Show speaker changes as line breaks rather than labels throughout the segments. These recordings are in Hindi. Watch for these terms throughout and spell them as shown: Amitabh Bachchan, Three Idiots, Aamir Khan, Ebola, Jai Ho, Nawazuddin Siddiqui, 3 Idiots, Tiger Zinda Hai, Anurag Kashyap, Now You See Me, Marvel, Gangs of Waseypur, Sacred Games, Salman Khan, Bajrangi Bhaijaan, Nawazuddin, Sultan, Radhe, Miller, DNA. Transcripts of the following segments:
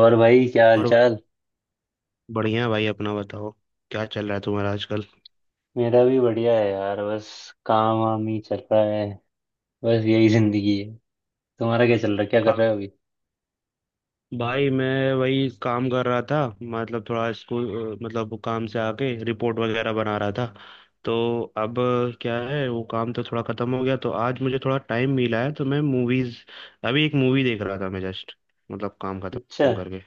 और भाई, क्या हाल
और भाई,
चाल?
बढ़िया भाई अपना बताओ। क्या चल रहा है तुम्हारा आजकल?
मेरा भी बढ़िया है यार। बस काम वाम ही चल रहा है, बस यही जिंदगी है। तुम्हारा क्या चल रहा है? क्या कर
काम।
रहे हो अभी?
भाई मैं वही काम कर रहा था, मतलब थोड़ा स्कूल, मतलब काम से आके रिपोर्ट वगैरह बना रहा था। तो अब क्या है, वो काम तो थोड़ा खत्म हो गया, तो आज मुझे थोड़ा टाइम मिला है, तो मैं मूवीज, अभी एक मूवी देख रहा था मैं जस्ट, मतलब काम
अच्छा,
खत्म करके।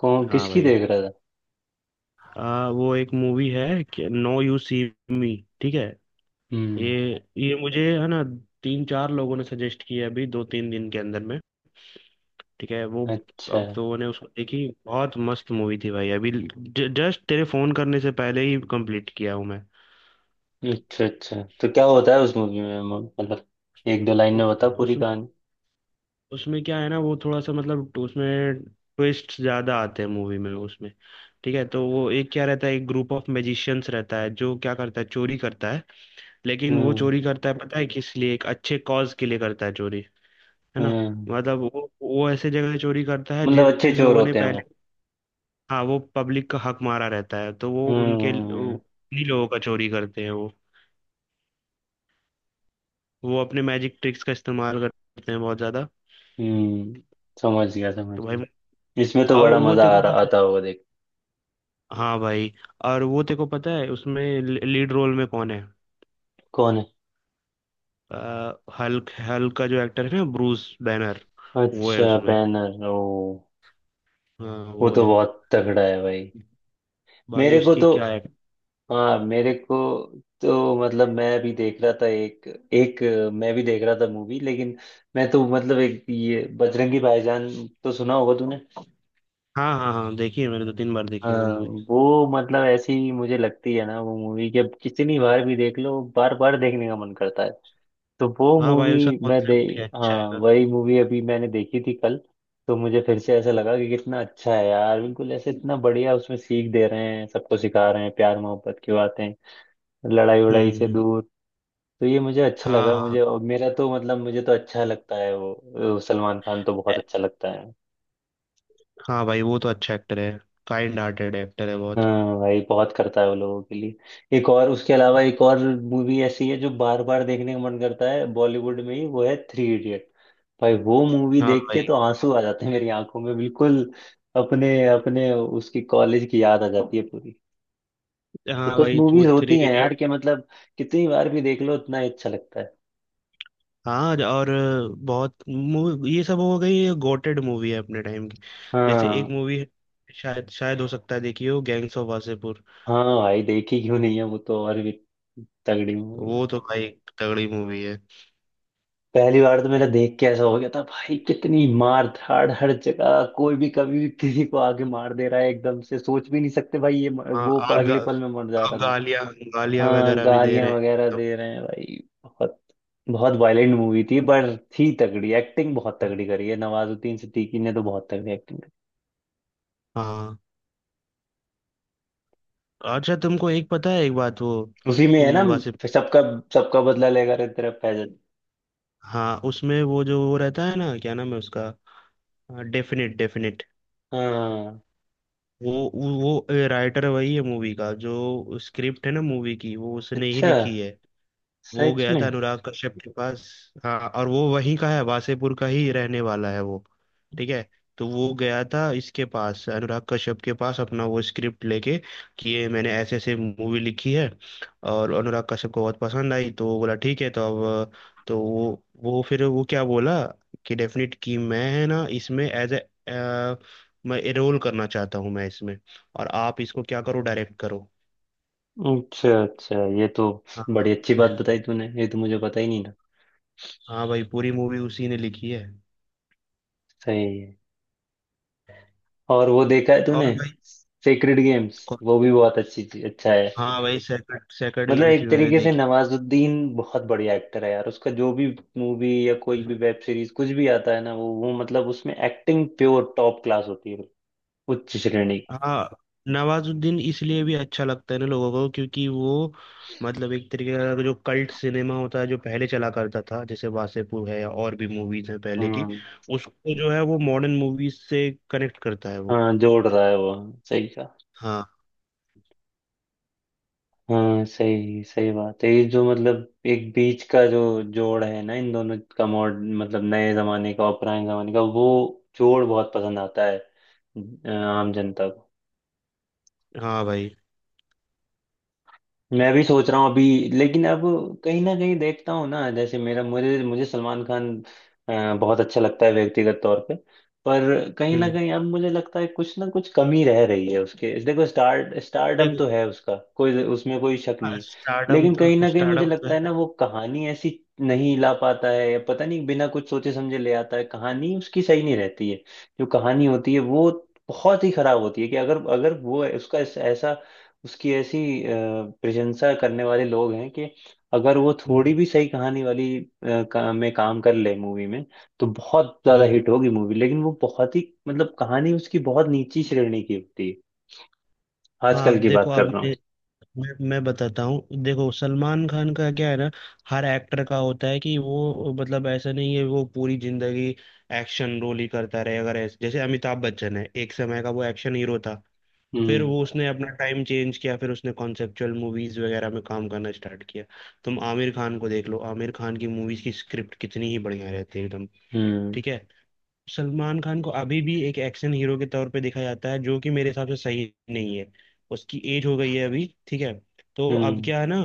कौन
हाँ
किसकी
भाई।
देख रहा था?
वो एक मूवी है कि नो यू सी मी। ठीक है।
हम्म।
ये मुझे, है ना, तीन चार लोगों ने सजेस्ट किया अभी दो तीन दिन के अंदर में। ठीक है वो।
अच्छा,
अब तो मैंने उसको देखी, बहुत मस्त मूवी थी भाई। अभी जस्ट तेरे फोन करने से पहले ही कंप्लीट किया हूँ मैं।
अच्छा। अच्छा तो क्या होता है उस मूवी में, मतलब एक दो लाइन में
उस
बता पूरी
उस
कहानी।
उसमें क्या है ना, वो थोड़ा सा मतलब, तो उसमें ट्विस्ट ज्यादा आते हैं मूवी में, उसमें। ठीक है, तो वो एक क्या रहता है, एक ग्रुप ऑफ मैजिशियंस रहता है, जो क्या करता है, चोरी करता है। लेकिन वो
हम्म,
चोरी करता है पता है किस लिए? एक अच्छे कॉज के लिए करता है चोरी। है ना।
हम्म।
मतलब वो ऐसे जगह से चोरी करता है
मतलब
जिन
अच्छे चोर
लोगों ने
होते हैं वो?
पहले, हाँ, वो पब्लिक का हक मारा रहता है, तो वो उनके, वो
हम्म,
उन्हीं लोगों का चोरी करते हैं वो। वो अपने मैजिक ट्रिक्स का इस्तेमाल करते हैं बहुत ज्यादा।
हम्म। समझ गया,
तो
समझ
भाई,
गया। इसमें तो
और
बड़ा
वो
मजा
तेरे
आ
को
रहा
पता है?
आता होगा देख।
हाँ भाई। और वो तेरे को पता है उसमें लीड रोल में कौन है?
कौन है?
आ, हल्क, हल्क का जो एक्टर है ना, ब्रूस बैनर, वो है
अच्छा,
उसमें।
बैनर ओ।
हाँ
वो
वो
तो
है।
बहुत तगड़ा है भाई।
भाई
मेरे को
उसकी
तो
क्या है।
हाँ, मेरे को तो मतलब एक मैं भी देख रहा था मूवी, लेकिन मैं तो मतलब एक ये बजरंगी भाईजान, तो सुना होगा तूने?
हाँ हाँ हाँ, देखी है मैंने, दो तीन बार देखी है वो
हाँ,
मूवी।
वो मतलब ऐसी मुझे लगती है ना वो मूवी कि अब कितनी बार भी देख लो, बार बार देखने का मन करता है। तो वो
हाँ
मूवी
भाई, उसका
मैं दे
कॉन्सेप्ट भी अच्छा है
हाँ,
ना।
वही मूवी अभी मैंने देखी थी कल। तो मुझे फिर से ऐसा लगा कि कितना अच्छा है यार, बिल्कुल ऐसे इतना बढ़िया, उसमें सीख दे रहे हैं सबको, सिखा रहे हैं प्यार मोहब्बत की बातें, लड़ाई वड़ाई से
हम्म।
दूर। तो ये मुझे अच्छा
हाँ
लगा
हाँ
मुझे,
हाँ।
और मेरा तो मतलब मुझे तो अच्छा लगता है वो। वो सलमान खान तो बहुत अच्छा लगता है।
हाँ भाई, वो तो अच्छा एक्टर है। काइंड हार्टेड एक्टर है बहुत।
हाँ भाई, बहुत करता है वो लोगों के लिए। एक और उसके अलावा एक और मूवी ऐसी है जो बार बार देखने का मन करता है बॉलीवुड में ही, वो है थ्री इडियट। भाई वो मूवी
हाँ
देख के
भाई।
तो आंसू आ जाते हैं मेरी आंखों में बिल्कुल। अपने अपने उसकी कॉलेज की याद आ जाती है पूरी। तो
हाँ
कुछ
भाई, वो
मूवीज
थ्री
होती हैं यार
इडियट।
कि मतलब कितनी बार भी देख लो उतना ही अच्छा लगता है।
हाँ, और ये सब हो गई, ये गोटेड मूवी है अपने टाइम की। जैसे एक
हाँ।
मूवी है, शायद शायद हो सकता है देखी हो, गैंग्स ऑफ वासेपुर।
हाँ भाई, देखी क्यों नहीं है, वो तो और भी तगड़ी मूवी है।
वो तो भाई तगड़ी मूवी है।
पहली बार तो मेरा देख के ऐसा हो गया था भाई, कितनी मार धाड़! हर जगह कोई भी कभी भी किसी को आगे मार दे रहा है, एकदम से सोच भी नहीं सकते भाई। ये
हाँ,
वो
और
अगले पल में मर जा
और
रहा था।
गालियाँ, गालियाँ
हाँ,
वगैरह भी दे
गालियां
रहे हैं।
वगैरह
तो,
दे रहे हैं भाई। बहुत बहुत वायलेंट मूवी थी, पर थी तगड़ी। एक्टिंग बहुत तगड़ी करी है नवाजुद्दीन सिद्दीकी ने, तो बहुत तगड़ी एक्टिंग करी।
हाँ। अच्छा तुमको एक पता है एक बात, वो,
उसी में है ना,
हम्म। वासेप
सबका सबका बदला लेगा रे तेरा फैजल।
हाँ, उसमें वो, जो वो रहता है ना, क्या नाम है उसका, डेफिनेट डेफिनेट,
हाँ।
वो राइटर वही है मूवी का, जो स्क्रिप्ट है ना मूवी की, वो उसने ही
अच्छा,
लिखी है। वो
सच
गया था
में?
अनुराग कश्यप के पास। हाँ, और वो वहीं का है, वासेपुर का ही रहने वाला है वो। ठीक है। तो वो गया था इसके पास, अनुराग कश्यप के पास, अपना वो स्क्रिप्ट लेके कि ये मैंने ऐसे ऐसे मूवी लिखी है, और अनुराग कश्यप को बहुत पसंद आई, तो वो बोला ठीक है। तो अब, तो वो फिर वो क्या बोला कि डेफिनेट, कि मैं, है ना, इसमें एज ए, मैं रोल करना चाहता हूँ मैं इसमें, और आप इसको क्या करो, डायरेक्ट करो।
अच्छा, अच्छा, ये तो
हाँ।
बड़ी अच्छी बात बताई तूने, ये तो मुझे पता ही नहीं था।
हाँ भाई, पूरी मूवी उसी ने लिखी है।
सही है। और वो देखा है
और
तूने,
भाई,
सेक्रेड गेम्स?
कौन-
वो भी बहुत अच्छी चीज, अच्छा है।
हाँ भाई, सैकड़ सैकड़
मतलब
गेम्स
एक
भी मैंने
तरीके से
देखी।
नवाजुद्दीन बहुत बढ़िया एक्टर है यार, उसका जो भी मूवी या कोई भी वेब सीरीज कुछ भी आता है ना, वो मतलब उसमें एक्टिंग प्योर टॉप क्लास होती है, उच्च श्रेणी की।
हाँ। नवाजुद्दीन इसलिए भी अच्छा लगता है ना लोगों को, क्योंकि वो, मतलब, एक तरीके का जो कल्ट सिनेमा होता है जो पहले चला करता था, जैसे वासेपुर है या और भी मूवीज हैं पहले की,
हम्म।
उसको जो है वो मॉडर्न मूवीज से कनेक्ट करता है वो।
हाँ, जोड़ रहा है वो, सही का।
हाँ।
हाँ, सही सही बात है। ये जो मतलब एक बीच का जो जोड़ है ना इन दोनों का, मॉड मतलब नए जमाने का और पुराने जमाने का, वो जोड़ बहुत पसंद आता है आम जनता को।
हाँ भाई।
मैं भी सोच रहा हूँ अभी, लेकिन अब कहीं ना कहीं देखता हूँ ना, जैसे मेरा मुझे मुझे सलमान खान बहुत अच्छा लगता है व्यक्तिगत तौर पे। पर कहीं ना
हम्म।
कहीं अब मुझे लगता है कुछ ना कुछ कमी रह रही है उसके। देखो, स्टारडम
देखो,
तो है उसका, कोई उसमें कोई शक नहीं है।
स्टारडम
लेकिन कहीं
तो,
ना कहीं मुझे
स्टारडम तो
लगता है ना,
है।
वो कहानी ऐसी नहीं ला पाता है, या पता नहीं बिना कुछ सोचे समझे ले आता है, कहानी उसकी सही नहीं रहती है। जो कहानी होती है वो बहुत ही खराब होती है। कि अगर अगर वो उसका ऐसा उसकी ऐसी अ, प्रशंसा करने वाले लोग हैं कि अगर वो
हम्म
थोड़ी भी सही कहानी वाली में काम कर ले मूवी में, तो बहुत ज्यादा
हम्म।
हिट होगी मूवी। लेकिन वो बहुत ही मतलब कहानी उसकी बहुत नीची श्रेणी की होती है,
हाँ
आजकल की
देखो,
बात कर
अब
रहा हूँ।
मैं बताता हूँ, देखो सलमान खान का क्या है ना, हर एक्टर का होता है कि वो, मतलब, ऐसा नहीं है वो पूरी जिंदगी एक्शन रोल ही करता रहे। अगर ऐसे जैसे अमिताभ बच्चन है, एक समय का वो एक्शन हीरो था, फिर
हम्म,
वो, उसने अपना टाइम चेंज किया, फिर उसने कॉन्सेप्चुअल मूवीज वगैरह में काम करना स्टार्ट किया। तुम आमिर खान को देख लो, आमिर खान की मूवीज की स्क्रिप्ट कितनी ही बढ़िया रहती है एकदम।
हम्म,
ठीक है। सलमान खान को अभी भी एक एक्शन हीरो के तौर पे देखा जाता है, जो कि मेरे हिसाब से सही नहीं है। उसकी एज हो गई है अभी, ठीक है। तो अब
हम्म,
क्या है ना,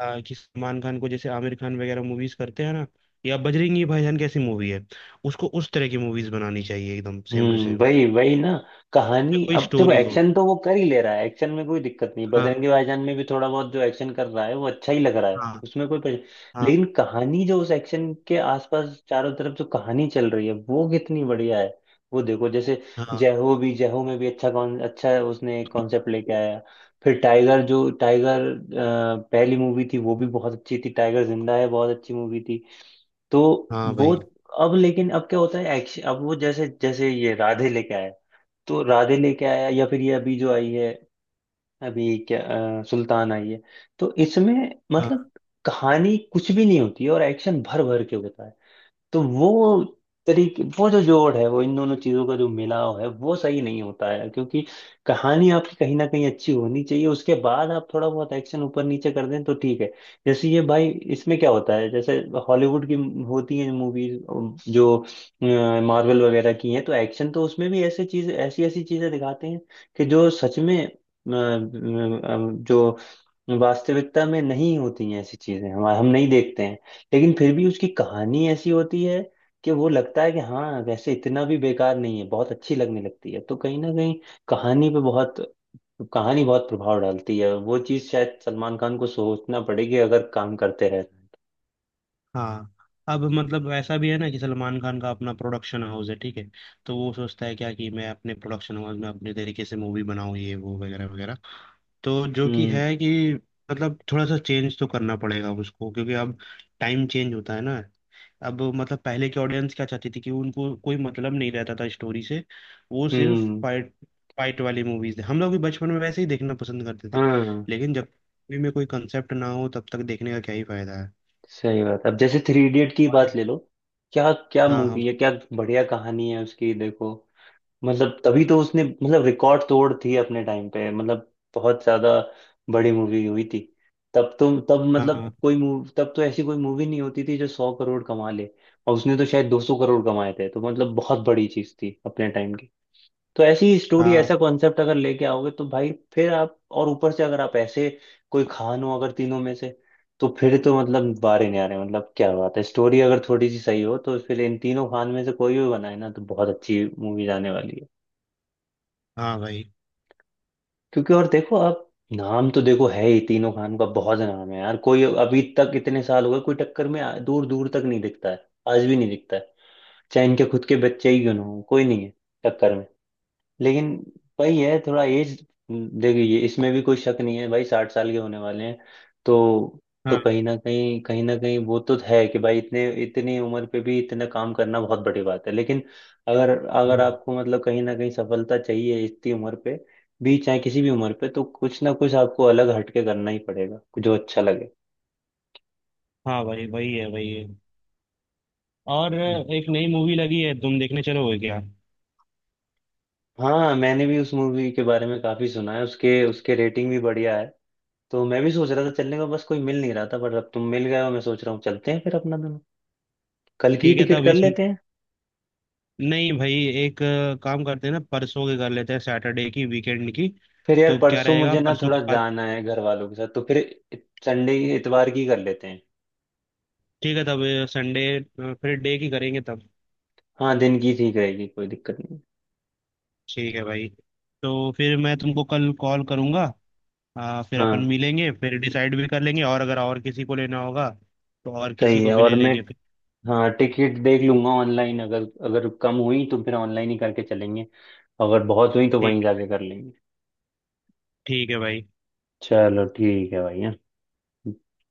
कि सलमान खान को जैसे आमिर खान वगैरह मूवीज करते हैं ना, या बजरंगी भाईजान कैसी मूवी है, उसको उस तरह की मूवीज बनानी चाहिए, एकदम सेम टू
हम्म।
सेम।
वही वही ना, कहानी।
कोई
अब देखो,
स्टोरी हो।
एक्शन तो वो कर ही ले रहा है, एक्शन में कोई दिक्कत नहीं।
हाँ
बजरंगी भाईजान में भी थोड़ा बहुत जो एक्शन कर रहा है वो अच्छा ही लग रहा है,
हाँ
उसमें कोई
हाँ
लेकिन कहानी जो उस एक्शन के आसपास चारों तरफ जो कहानी चल रही है वो कितनी बढ़िया है। वो देखो जैसे
हाँ।
जय हो, भी जय हो में भी अच्छा कौन अच्छा उसने कॉन्सेप्ट लेके आया। फिर टाइगर, जो टाइगर पहली मूवी थी वो भी बहुत अच्छी थी, टाइगर जिंदा है बहुत अच्छी मूवी थी। तो
हाँ
वो,
भाई।
अब लेकिन अब क्या होता है एक्शन अब वो, जैसे जैसे ये राधे लेके आया। तो राधे लेके आया, या फिर ये अभी जो आई है, अभी क्या सुल्तान आई है। तो इसमें मतलब
हाँ।
कहानी कुछ भी नहीं होती है और एक्शन भर भर के होता है। तो वो तरीके, वो जो जोड़ है वो, इन दोनों चीजों का जो मिलाव है वो सही नहीं होता है। क्योंकि कहानी आपकी कहीं ना कहीं अच्छी होनी चाहिए, उसके बाद आप थोड़ा बहुत एक्शन ऊपर नीचे कर दें तो ठीक है। जैसे ये भाई, इसमें क्या होता है, जैसे हॉलीवुड की होती है मूवीज जो मार्वल वगैरह की हैं, तो एक्शन तो उसमें भी ऐसे चीज ऐसी ऐसी चीजें दिखाते हैं कि जो सच में जो वास्तविकता में नहीं होती हैं, ऐसी चीजें हम नहीं देखते हैं। लेकिन फिर भी उसकी कहानी ऐसी होती है कि वो लगता है कि हाँ वैसे इतना भी बेकार नहीं है, बहुत अच्छी लगने लगती है। तो कहीं ना कहीं कहानी पे बहुत कहानी बहुत प्रभाव डालती है। वो चीज शायद सलमान खान को सोचना पड़ेगी अगर काम करते रहे।
हाँ, अब मतलब ऐसा भी है ना कि सलमान खान का अपना प्रोडक्शन हाउस है, ठीक है। तो वो सोचता है क्या कि मैं अपने प्रोडक्शन हाउस में अपने तरीके से मूवी बनाऊं, ये वो वगैरह वगैरह। तो जो कि
हम्म,
है कि, मतलब, थोड़ा सा चेंज तो करना पड़ेगा उसको, क्योंकि अब टाइम चेंज होता है ना। अब मतलब पहले की ऑडियंस क्या चाहती थी, कि उनको कोई मतलब नहीं रहता था स्टोरी से, वो सिर्फ
हम्म।
फाइट, फाइट वाली मूवीज हम लोग भी बचपन में वैसे ही देखना पसंद करते थे।
हाँ,
लेकिन जब मूवी में कोई कंसेप्ट ना हो, तब तक देखने का क्या ही फायदा है।
सही बात। अब जैसे थ्री इडियट की बात
और-
ले लो, क्या क्या
हाँ हाँ।
मूवी है क्या! बढ़िया कहानी है उसकी, देखो। मतलब तभी तो उसने मतलब रिकॉर्ड तोड़ थी अपने टाइम पे, मतलब बहुत ज्यादा बड़ी मूवी हुई थी। तब तो, तब मतलब
हाँ
कोई मूव तब तो ऐसी कोई मूवी नहीं होती थी जो 100 करोड़ कमा ले। और उसने तो शायद 200 करोड़ कमाए थे, तो मतलब बहुत बड़ी चीज थी अपने टाइम की। तो ऐसी स्टोरी,
हाँ।
ऐसा कॉन्सेप्ट अगर लेके आओगे तो भाई फिर आप, और ऊपर से अगर आप ऐसे कोई खान हो अगर, तीनों में से, तो फिर तो मतलब बारे नहीं आ रहे, मतलब क्या बात है! स्टोरी अगर थोड़ी सी सही हो तो फिर इन तीनों खान में से कोई भी बनाए ना, तो बहुत अच्छी मूवी आने वाली है।
हाँ भाई।
क्योंकि और देखो आप, नाम तो देखो है ही, तीनों खान का बहुत नाम है यार। कोई अभी तक, इतने साल हो गए, कोई टक्कर में दूर दूर तक नहीं दिखता है, आज भी नहीं दिखता है। चाहे इनके खुद के बच्चे ही क्यों ना हो, कोई नहीं है टक्कर में। लेकिन वही है, थोड़ा एज, देखिए इसमें भी कोई शक नहीं है भाई, 60 साल के होने वाले हैं। तो तो
हाँ।
कहीं ना कहीं वो तो है कि भाई, इतने इतनी उम्र पे भी इतना काम करना बहुत बड़ी बात है। लेकिन अगर अगर
हम्म।
आपको मतलब कहीं ना कहीं सफलता चाहिए इतनी उम्र पे भी, चाहे किसी भी उम्र पे, तो कुछ ना कुछ आपको अलग हटके करना ही पड़ेगा, जो अच्छा लगे।
हाँ भाई, वही है वही है। और,
हम्म।
एक नई मूवी लगी है, तुम देखने चलोगे क्या?
हाँ, मैंने भी उस मूवी के बारे में काफी सुना है, उसके उसके रेटिंग भी बढ़िया है। तो मैं भी सोच रहा था चलने को, बस कोई मिल नहीं रहा था, पर अब तुम मिल गए हो, मैं सोच रहा हूँ चलते हैं फिर अपना दोनों, कल की
ठीक है
टिकट
तब
कर
इस
लेते हैं।
नहीं भाई, एक काम करते हैं ना, परसों के कर लेते हैं, सैटरडे की, वीकेंड की।
फिर यार
तो क्या
परसों
रहेगा
मुझे ना
परसों
थोड़ा
के बाद?
जाना है घर वालों के साथ, तो फिर संडे इतवार की कर लेते हैं।
ठीक है तब, संडे। फिर डे की करेंगे तब।
हाँ, दिन की ठीक रहेगी, कोई दिक्कत नहीं।
ठीक है भाई। तो फिर मैं तुमको कल कॉल करूँगा, फिर अपन
हाँ
मिलेंगे, फिर डिसाइड भी कर लेंगे, और अगर और किसी को लेना होगा तो और किसी
सही
को
है।
भी
और
ले
मैं
लेंगे फिर।
हाँ, टिकट देख लूंगा ऑनलाइन, अगर अगर कम हुई तो फिर ऑनलाइन ही करके चलेंगे, अगर बहुत हुई तो वहीं
ठीक
जाके कर लेंगे।
ठीक है भाई।
चलो ठीक है भाई। हाँ,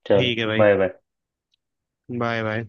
चलो
ठीक है भाई।
Bye bye.
Bye bye.